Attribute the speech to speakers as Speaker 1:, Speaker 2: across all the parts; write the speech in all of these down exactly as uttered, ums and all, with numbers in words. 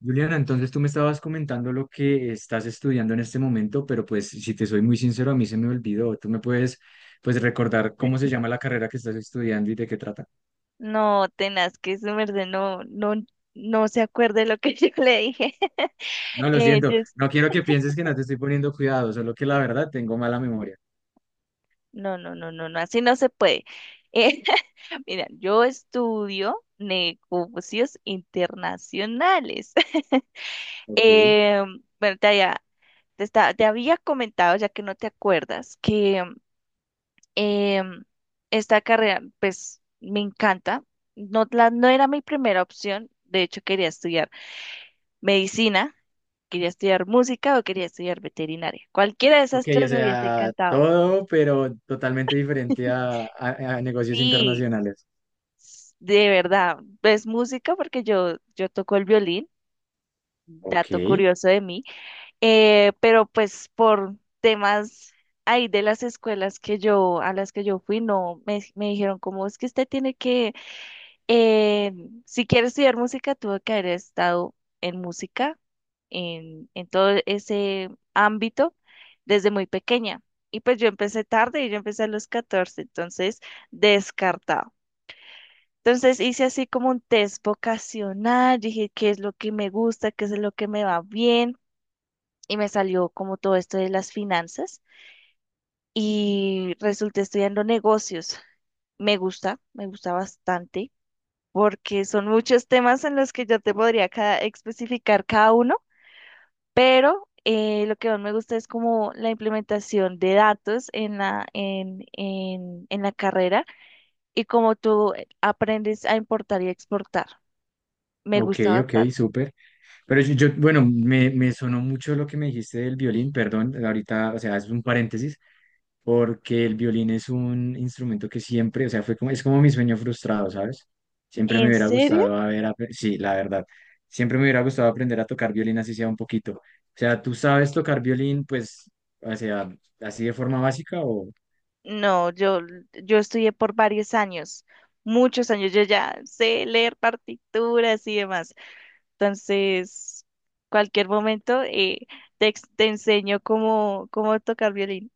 Speaker 1: Juliana, entonces tú me estabas comentando lo que estás estudiando en este momento, pero pues si te soy muy sincero, a mí se me olvidó. ¿Tú me puedes pues recordar cómo se llama la carrera que estás estudiando y de qué trata?
Speaker 2: No, tenaz, que su no, no, no se acuerde lo que yo le dije.
Speaker 1: No, lo
Speaker 2: Eh, yo
Speaker 1: siento,
Speaker 2: es-
Speaker 1: no quiero que pienses que no te estoy poniendo cuidado, solo que la verdad tengo mala memoria.
Speaker 2: no, no, no, no, no, así no se puede. Eh, Mira, yo estudio negocios internacionales.
Speaker 1: Ok.
Speaker 2: Em, bueno, te había, te, esta- te había comentado, ya que no te acuerdas, que em, esta carrera, pues, me encanta. No, la, no era mi primera opción. De hecho, quería estudiar medicina, quería estudiar música o quería estudiar veterinaria. Cualquiera de esas
Speaker 1: Ok, o
Speaker 2: tres me, Sí. hubiese
Speaker 1: sea,
Speaker 2: encantado.
Speaker 1: todo, pero totalmente diferente a, a- a negocios
Speaker 2: Sí,
Speaker 1: internacionales.
Speaker 2: s- de verdad, es música, porque yo, yo toco el violín,
Speaker 1: Ok,
Speaker 2: dato curioso de mí. Eh, pero pues por temas ahí de las escuelas que yo, a las que yo fui, no, me, me dijeron como es que usted tiene que... Eh, si quiero estudiar música, tuve que haber estado en música, en, en todo ese ámbito, desde muy pequeña. Y pues yo empecé tarde, y yo empecé a los catorce, entonces descartado. Entonces hice así como un test vocacional, dije qué es lo que me gusta, qué es lo que me va bien, y me salió como todo esto de las finanzas y resulté estudiando negocios. Me gusta, me gusta bastante, porque son muchos temas en los que yo te podría cada- especificar cada uno. Pero eh, lo que más me gusta es como la implementación de datos en la, en, en, en la carrera, y cómo tú eh, aprendes a importar y exportar. Me
Speaker 1: ok,
Speaker 2: gusta
Speaker 1: ok,
Speaker 2: bastante.
Speaker 1: súper. Pero yo, yo- bueno, me, me sonó mucho lo que me dijiste del violín, perdón, ahorita, o sea, es un paréntesis. Porque el violín es un instrumento que siempre, o sea, fue como, es como mi sueño frustrado, ¿sabes? Siempre me
Speaker 2: ¿En
Speaker 1: hubiera
Speaker 2: serio?
Speaker 1: gustado haber, apre- sí, la verdad, siempre me hubiera gustado aprender a tocar violín así sea un poquito. O sea, ¿tú sabes tocar violín, pues, o sea, así de forma básica o...?
Speaker 2: No, yo, yo estudié por varios años, muchos años. Yo ya sé leer partituras y demás. Entonces, cualquier momento, eh, te, ex- te enseño cómo, cómo tocar violín.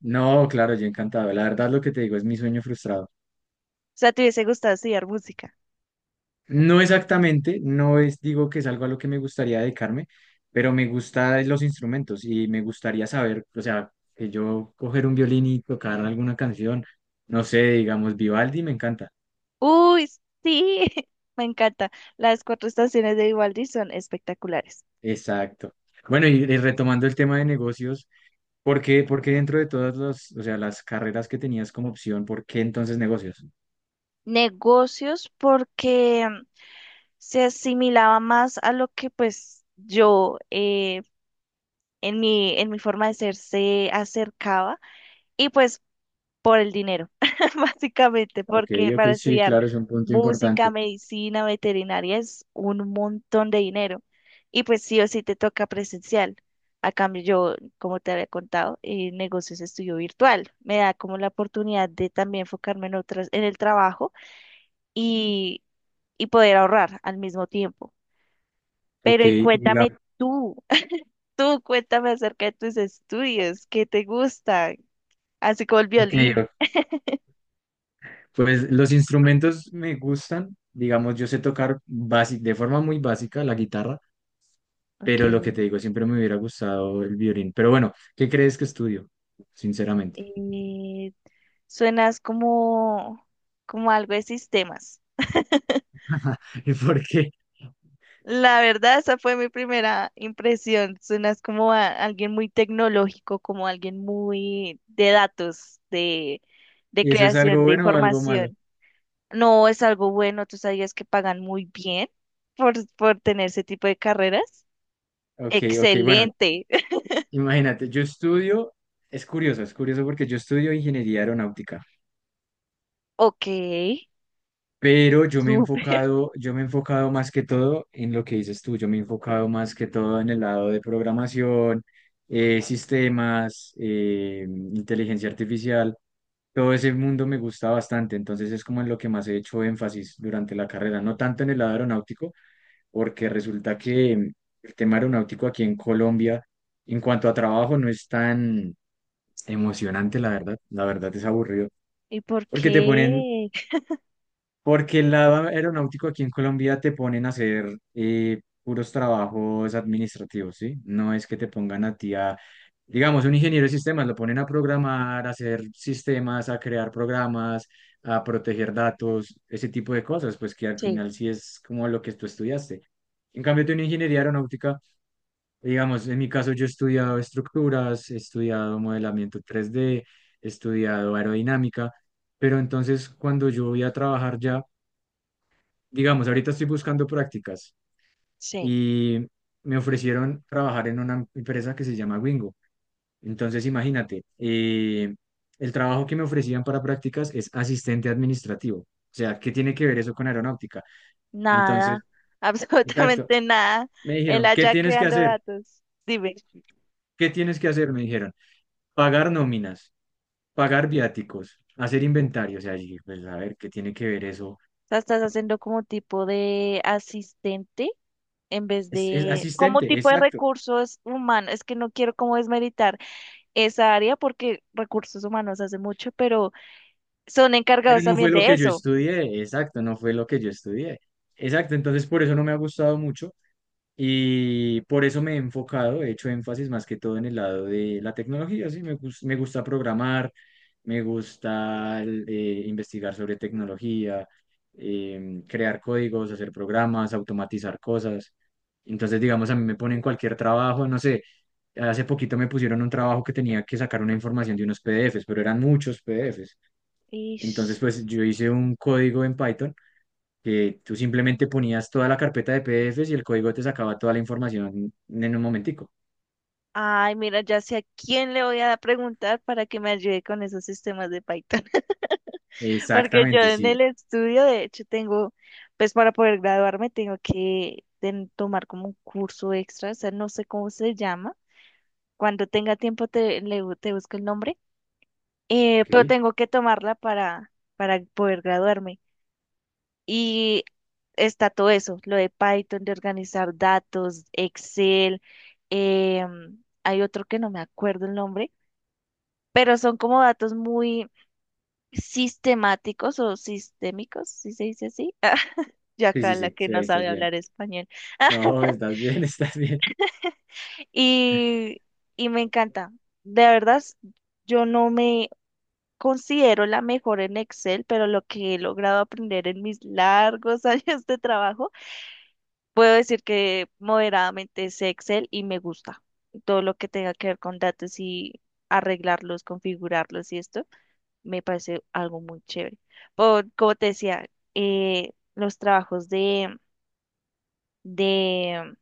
Speaker 1: No, claro, yo encantado. La verdad, lo que te digo es mi sueño frustrado.
Speaker 2: O sea, ¿te hubiese gustado estudiar música?
Speaker 1: No exactamente, no es, digo que es algo a lo que me gustaría dedicarme, pero me gustan los instrumentos y me gustaría saber, o sea, que yo coger un violín y tocar alguna canción, no sé, digamos Vivaldi, me encanta.
Speaker 2: Uy, sí, me encanta. Las Cuatro Estaciones de Vivaldi son espectaculares.
Speaker 1: Exacto. Bueno, y, y retomando el tema de negocios, ¿por qué, por qué dentro de todas las, o sea, las carreras que tenías como opción, por qué entonces negocios?
Speaker 2: Negocios porque se asimilaba más a lo que, pues, yo... eh, en mi, en mi, forma de ser se acercaba, y pues por el dinero, básicamente,
Speaker 1: Ok,
Speaker 2: porque
Speaker 1: ok,
Speaker 2: para
Speaker 1: sí,
Speaker 2: estudiar
Speaker 1: claro, es un punto
Speaker 2: música,
Speaker 1: importante.
Speaker 2: medicina, veterinaria es un montón de dinero, y pues sí o sí te toca presencial. A cambio, yo, como te había contado, eh, negocios estudio virtual. Me da como la oportunidad de también enfocarme en otras, en el trabajo, y, y, poder ahorrar al mismo tiempo.
Speaker 1: Ok,
Speaker 2: Pero y cuéntame
Speaker 1: digamos,
Speaker 2: tú, tú cuéntame acerca de tus estudios. ¿Qué te gusta? Así como el
Speaker 1: ok,
Speaker 2: violín.
Speaker 1: ok. Pues los instrumentos me gustan, digamos, yo sé tocar basi- de forma muy básica la guitarra,
Speaker 2: Ok.
Speaker 1: pero lo que te digo, siempre me hubiera gustado el violín. Pero bueno, ¿qué crees que estudio? Sinceramente.
Speaker 2: eh, Suenas como, como algo de sistemas.
Speaker 1: ¿Y por qué?
Speaker 2: La verdad, esa fue mi primera impresión. Suenas como a alguien muy tecnológico, como alguien muy de datos, de, de
Speaker 1: ¿Y eso es algo
Speaker 2: creación de
Speaker 1: bueno o algo malo?
Speaker 2: información. No, es algo bueno. Tú sabías que pagan muy bien por, por tener ese tipo de carreras.
Speaker 1: Ok, ok, bueno,
Speaker 2: Excelente.
Speaker 1: imagínate, yo estudio, es curioso, es curioso porque yo estudio ingeniería aeronáutica.
Speaker 2: Ok,
Speaker 1: Pero yo me he
Speaker 2: súper.
Speaker 1: enfocado, yo me he enfocado más que todo en lo que dices tú, yo me he enfocado más que todo en el lado de programación, eh, sistemas, eh, inteligencia artificial, todo ese mundo me gusta bastante, entonces es como en lo que más he hecho énfasis durante la carrera, no tanto en el lado aeronáutico, porque resulta que mm, el tema aeronáutico aquí en Colombia, en cuanto a trabajo, no es tan emocionante, la verdad, la verdad es aburrido,
Speaker 2: ¿Y por
Speaker 1: porque te ponen
Speaker 2: qué?
Speaker 1: porque el lado aeronáutico aquí en Colombia te ponen a hacer eh, puros trabajos administrativos, ¿sí? No es que te pongan a ti a, digamos, un ingeniero de sistemas, lo ponen a programar, a hacer sistemas, a crear programas, a proteger datos, ese tipo de cosas, pues que al
Speaker 2: Sí,
Speaker 1: final sí es como lo que tú estudiaste. En cambio, tú en ingeniería aeronáutica, digamos, en mi caso yo he estudiado estructuras, he estudiado modelamiento tres D, he estudiado aerodinámica. Pero entonces cuando yo voy a trabajar ya digamos, ahorita estoy buscando prácticas
Speaker 2: sí,
Speaker 1: y me ofrecieron trabajar en una empresa que se llama Wingo. Entonces, imagínate, eh, el trabajo que me ofrecían para prácticas es asistente administrativo. O sea, ¿qué tiene que ver eso con aeronáutica?
Speaker 2: nada,
Speaker 1: Entonces, exacto,
Speaker 2: absolutamente nada.
Speaker 1: me
Speaker 2: Él
Speaker 1: dijeron, ¿qué
Speaker 2: allá
Speaker 1: tienes que
Speaker 2: creando
Speaker 1: hacer?
Speaker 2: datos. Dime,
Speaker 1: ¿Qué tienes que hacer? Me dijeron, pagar nóminas, pagar viáticos, hacer inventario. O sea, yo dije, pues a ver, ¿qué tiene que ver eso?
Speaker 2: o sea, estás haciendo como tipo de asistente en vez
Speaker 1: Es, es
Speaker 2: de, como
Speaker 1: asistente,
Speaker 2: tipo de
Speaker 1: exacto.
Speaker 2: recursos humanos. Es que no quiero como desmeritar esa área, porque recursos humanos hace mucho, pero son
Speaker 1: Pero
Speaker 2: encargados
Speaker 1: no
Speaker 2: también
Speaker 1: fue lo
Speaker 2: de
Speaker 1: que yo
Speaker 2: eso.
Speaker 1: estudié, exacto, no fue lo que yo estudié. Exacto, entonces por eso no me ha gustado mucho y por eso me he enfocado, he hecho énfasis más que todo en el lado de la tecnología, sí, me gus- me gusta programar, me gusta el, eh, investigar sobre tecnología, em, crear códigos, hacer programas, automatizar cosas. Entonces, digamos, a mí me ponen cualquier trabajo, no sé, hace poquito me pusieron un trabajo que tenía que sacar una información de unos P D F s, pero eran muchos P D F s. Entonces,
Speaker 2: Ish.
Speaker 1: pues yo hice un código en Python que tú simplemente ponías toda la carpeta de P D F s y el código te sacaba toda la información en un momentico.
Speaker 2: Ay, mira, ya sé a quién le voy a preguntar para que me ayude con esos sistemas de Python. Porque yo
Speaker 1: Exactamente,
Speaker 2: en
Speaker 1: sí.
Speaker 2: el estudio, de hecho, tengo, pues para poder graduarme, tengo que ten- tomar como un curso extra, o sea, no sé cómo se llama. Cuando tenga tiempo te, le bu- te busco el nombre. Eh, pero
Speaker 1: Ok.
Speaker 2: tengo que tomarla para, para poder graduarme. Y está todo eso, lo de Python, de organizar datos, Excel, em, hay otro que no me acuerdo el nombre, pero son como datos muy sistemáticos o sistémicos, si se dice así. Yo
Speaker 1: Sí,
Speaker 2: acá,
Speaker 1: sí,
Speaker 2: la
Speaker 1: sí,
Speaker 2: que
Speaker 1: sí,
Speaker 2: no
Speaker 1: ahí estás
Speaker 2: sabe
Speaker 1: bien.
Speaker 2: hablar español.
Speaker 1: No, estás bien, estás bien.
Speaker 2: Y, y me encanta. De verdad, s- yo no me considero la mejor en Excel, pero lo que he logrado aprender en mis largos años de trabajo, puedo decir que moderadamente sé Excel, y me gusta todo lo que tenga que ver con datos y arreglarlos, configurarlos y esto. Me parece algo muy chévere. Por, como te decía, eh, los trabajos de, de,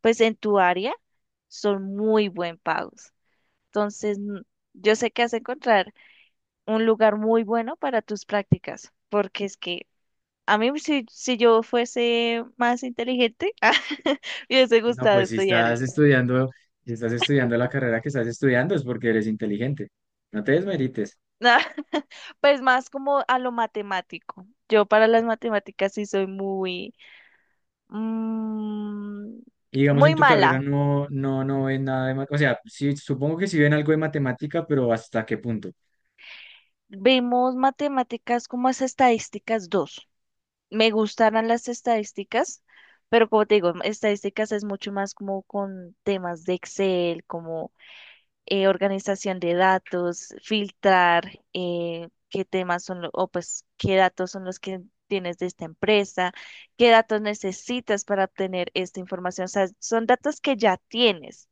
Speaker 2: pues en tu área son muy buen pagos. Entonces, n- yo sé que has de encontrar un lugar muy bueno para tus prácticas, porque es que a mí, si, si yo fuese más inteligente, me hubiese
Speaker 1: No,
Speaker 2: gustado
Speaker 1: pues si
Speaker 2: estudiar
Speaker 1: estás
Speaker 2: esto.
Speaker 1: estudiando, si estás estudiando la carrera que estás estudiando es porque eres inteligente. No te desmerites.
Speaker 2: Pues más como a lo matemático. Yo, para las matemáticas, sí soy muy, Mm,
Speaker 1: Y digamos
Speaker 2: muy
Speaker 1: en tu
Speaker 2: mala.
Speaker 1: carrera no, no, no ven nada de, ma- o sea, sí, supongo que sí ven algo de matemática, pero ¿hasta qué punto?
Speaker 2: Vimos matemáticas como es estadísticas dos. Me gustaron las estadísticas, pero como te digo, estadísticas es mucho más como con temas de Excel, como eh, organización de datos, filtrar, eh, qué temas son, lo- o pues qué datos son los que tienes de esta empresa, qué datos necesitas para obtener esta información. O sea, son datos que ya tienes,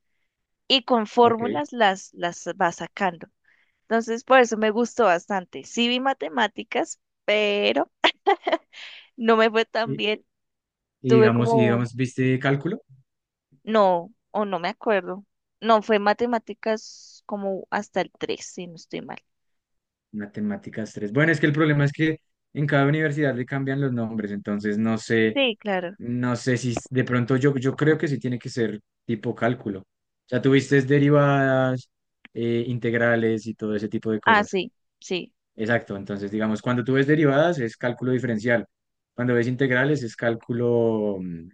Speaker 2: y con
Speaker 1: Ok.
Speaker 2: fórmulas las, las vas sacando. Entonces, por eso me gustó bastante. Sí vi matemáticas, pero no me fue
Speaker 1: Y,
Speaker 2: tan bien.
Speaker 1: y
Speaker 2: Tuve
Speaker 1: digamos, y
Speaker 2: como un,
Speaker 1: digamos, ¿viste cálculo?
Speaker 2: no, o no me acuerdo. No, fue matemáticas como hasta el tres, si no estoy mal.
Speaker 1: Matemáticas tres. Bueno, es que el problema es que en cada universidad le cambian los nombres, entonces no sé,
Speaker 2: Sí, claro.
Speaker 1: no sé si s- de pronto yo, yo creo que sí tiene que ser tipo cálculo. O sea, tuviste derivadas, eh, integrales y todo ese tipo de
Speaker 2: Ah,
Speaker 1: cosas.
Speaker 2: sí, sí.
Speaker 1: Exacto, entonces digamos, cuando tú ves derivadas es cálculo diferencial, cuando ves integrales es cálculo mm,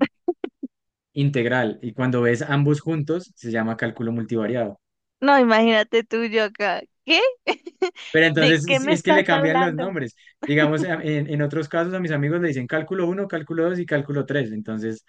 Speaker 1: integral, y cuando ves ambos juntos se llama cálculo multivariado.
Speaker 2: No, imagínate tú, yo acá. ¿Qué?
Speaker 1: Pero
Speaker 2: ¿De qué
Speaker 1: entonces sí,
Speaker 2: me
Speaker 1: es que
Speaker 2: estás
Speaker 1: le cambian los
Speaker 2: hablando?
Speaker 1: nombres. Digamos, a- en, en otros casos a mis amigos le dicen cálculo uno, cálculo dos y cálculo tres. Entonces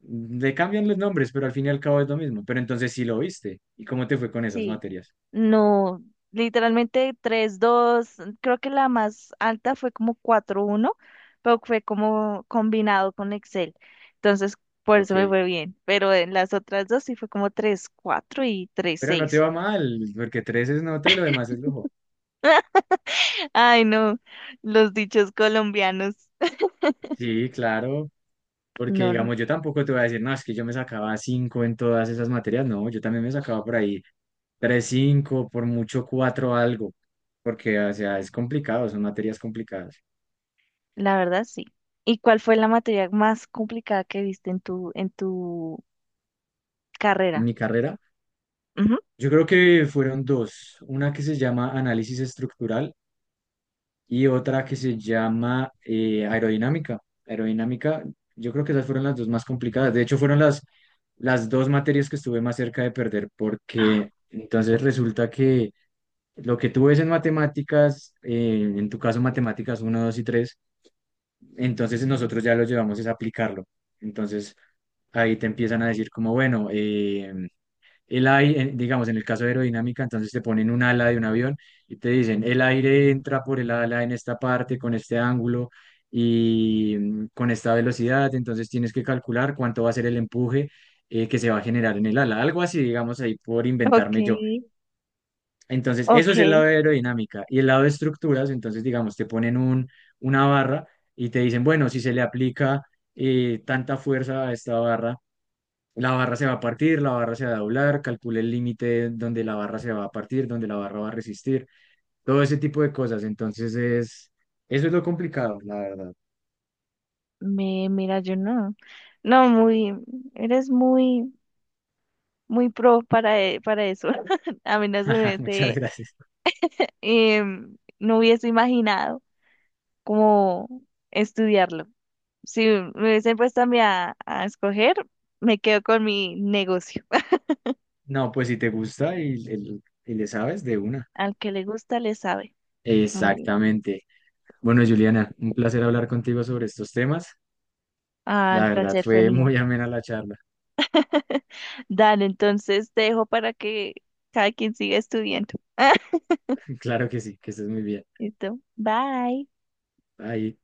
Speaker 1: le cambian los nombres, pero al fin y al cabo es lo mismo. Pero entonces sí lo viste. ¿Y cómo te fue con esas
Speaker 2: Sí.
Speaker 1: materias?
Speaker 2: No, literalmente tres dos, creo que la más alta fue como cuatro uno, pero fue como combinado con Excel. Entonces, por eso me
Speaker 1: Ok.
Speaker 2: fue bien. Pero en las otras dos sí fue como tres cuatro y tres
Speaker 1: Pero no te
Speaker 2: seis.
Speaker 1: va mal, porque tres es nota y lo demás es lujo.
Speaker 2: Ay, no, los dichos colombianos.
Speaker 1: Sí, claro. Porque
Speaker 2: No, no,
Speaker 1: digamos, yo tampoco te voy a decir, no, es que yo me sacaba cinco en todas esas materias. No, yo también me sacaba por ahí tres cinco, por mucho cuatro algo. Porque, o sea, es complicado, son materias complicadas.
Speaker 2: la verdad sí. ¿Y cuál fue la materia más complicada que viste en tu, en tu
Speaker 1: En
Speaker 2: carrera?
Speaker 1: mi carrera,
Speaker 2: Ujú.
Speaker 1: yo creo que fueron dos, una que se llama análisis estructural y otra que se llama eh, aerodinámica. Aerodinámica, yo creo que esas fueron las dos más complicadas. De hecho, fueron las, las dos materias que estuve más cerca de perder, porque entonces resulta que lo que tú ves en matemáticas, eh, en tu caso matemáticas uno, dos y tres, entonces nosotros ya lo llevamos es a aplicarlo. Entonces ahí te empiezan a decir como, bueno, eh, el aire, eh, digamos, en el caso de aerodinámica, entonces te ponen un ala de un avión y te dicen, el aire entra por el ala en esta parte, con este ángulo y mm, con esta velocidad, entonces tienes que calcular cuánto va a ser el empuje eh, que se va a generar en el ala, algo así, digamos, ahí por
Speaker 2: Ok,
Speaker 1: inventarme yo. Entonces, eso es el lado
Speaker 2: ok.
Speaker 1: de aerodinámica. Y el lado de estructuras, entonces, digamos, te ponen un, una barra y te dicen, bueno, si se le aplica eh, tanta fuerza a esta barra, la barra se va a partir, la barra se va a doblar, calcule el límite donde la barra se va a partir, donde la barra va a resistir, todo ese tipo de cosas. Entonces es, eso es lo complicado, la verdad.
Speaker 2: Me, mira, yo no. No, muy, eres muy, muy pro para, e- para eso. A mí no se me
Speaker 1: Muchas
Speaker 2: hubiese,
Speaker 1: gracias.
Speaker 2: em, no hubiese imaginado cómo estudiarlo. Si me hubiesen puesto a mí a, a escoger, me quedo con mi negocio.
Speaker 1: No, pues si te gusta y, el- y le sabes de una.
Speaker 2: Al que le gusta, le sabe. Mm.
Speaker 1: Exactamente. Bueno, Juliana, un placer hablar contigo sobre estos temas.
Speaker 2: Ah, el
Speaker 1: La verdad
Speaker 2: placer fue
Speaker 1: fue
Speaker 2: mío.
Speaker 1: muy amena la charla.
Speaker 2: Dale, entonces te dejo para que cada quien siga estudiando.
Speaker 1: Claro que sí, que estés muy bien.
Speaker 2: Listo. Bye.
Speaker 1: Ahí.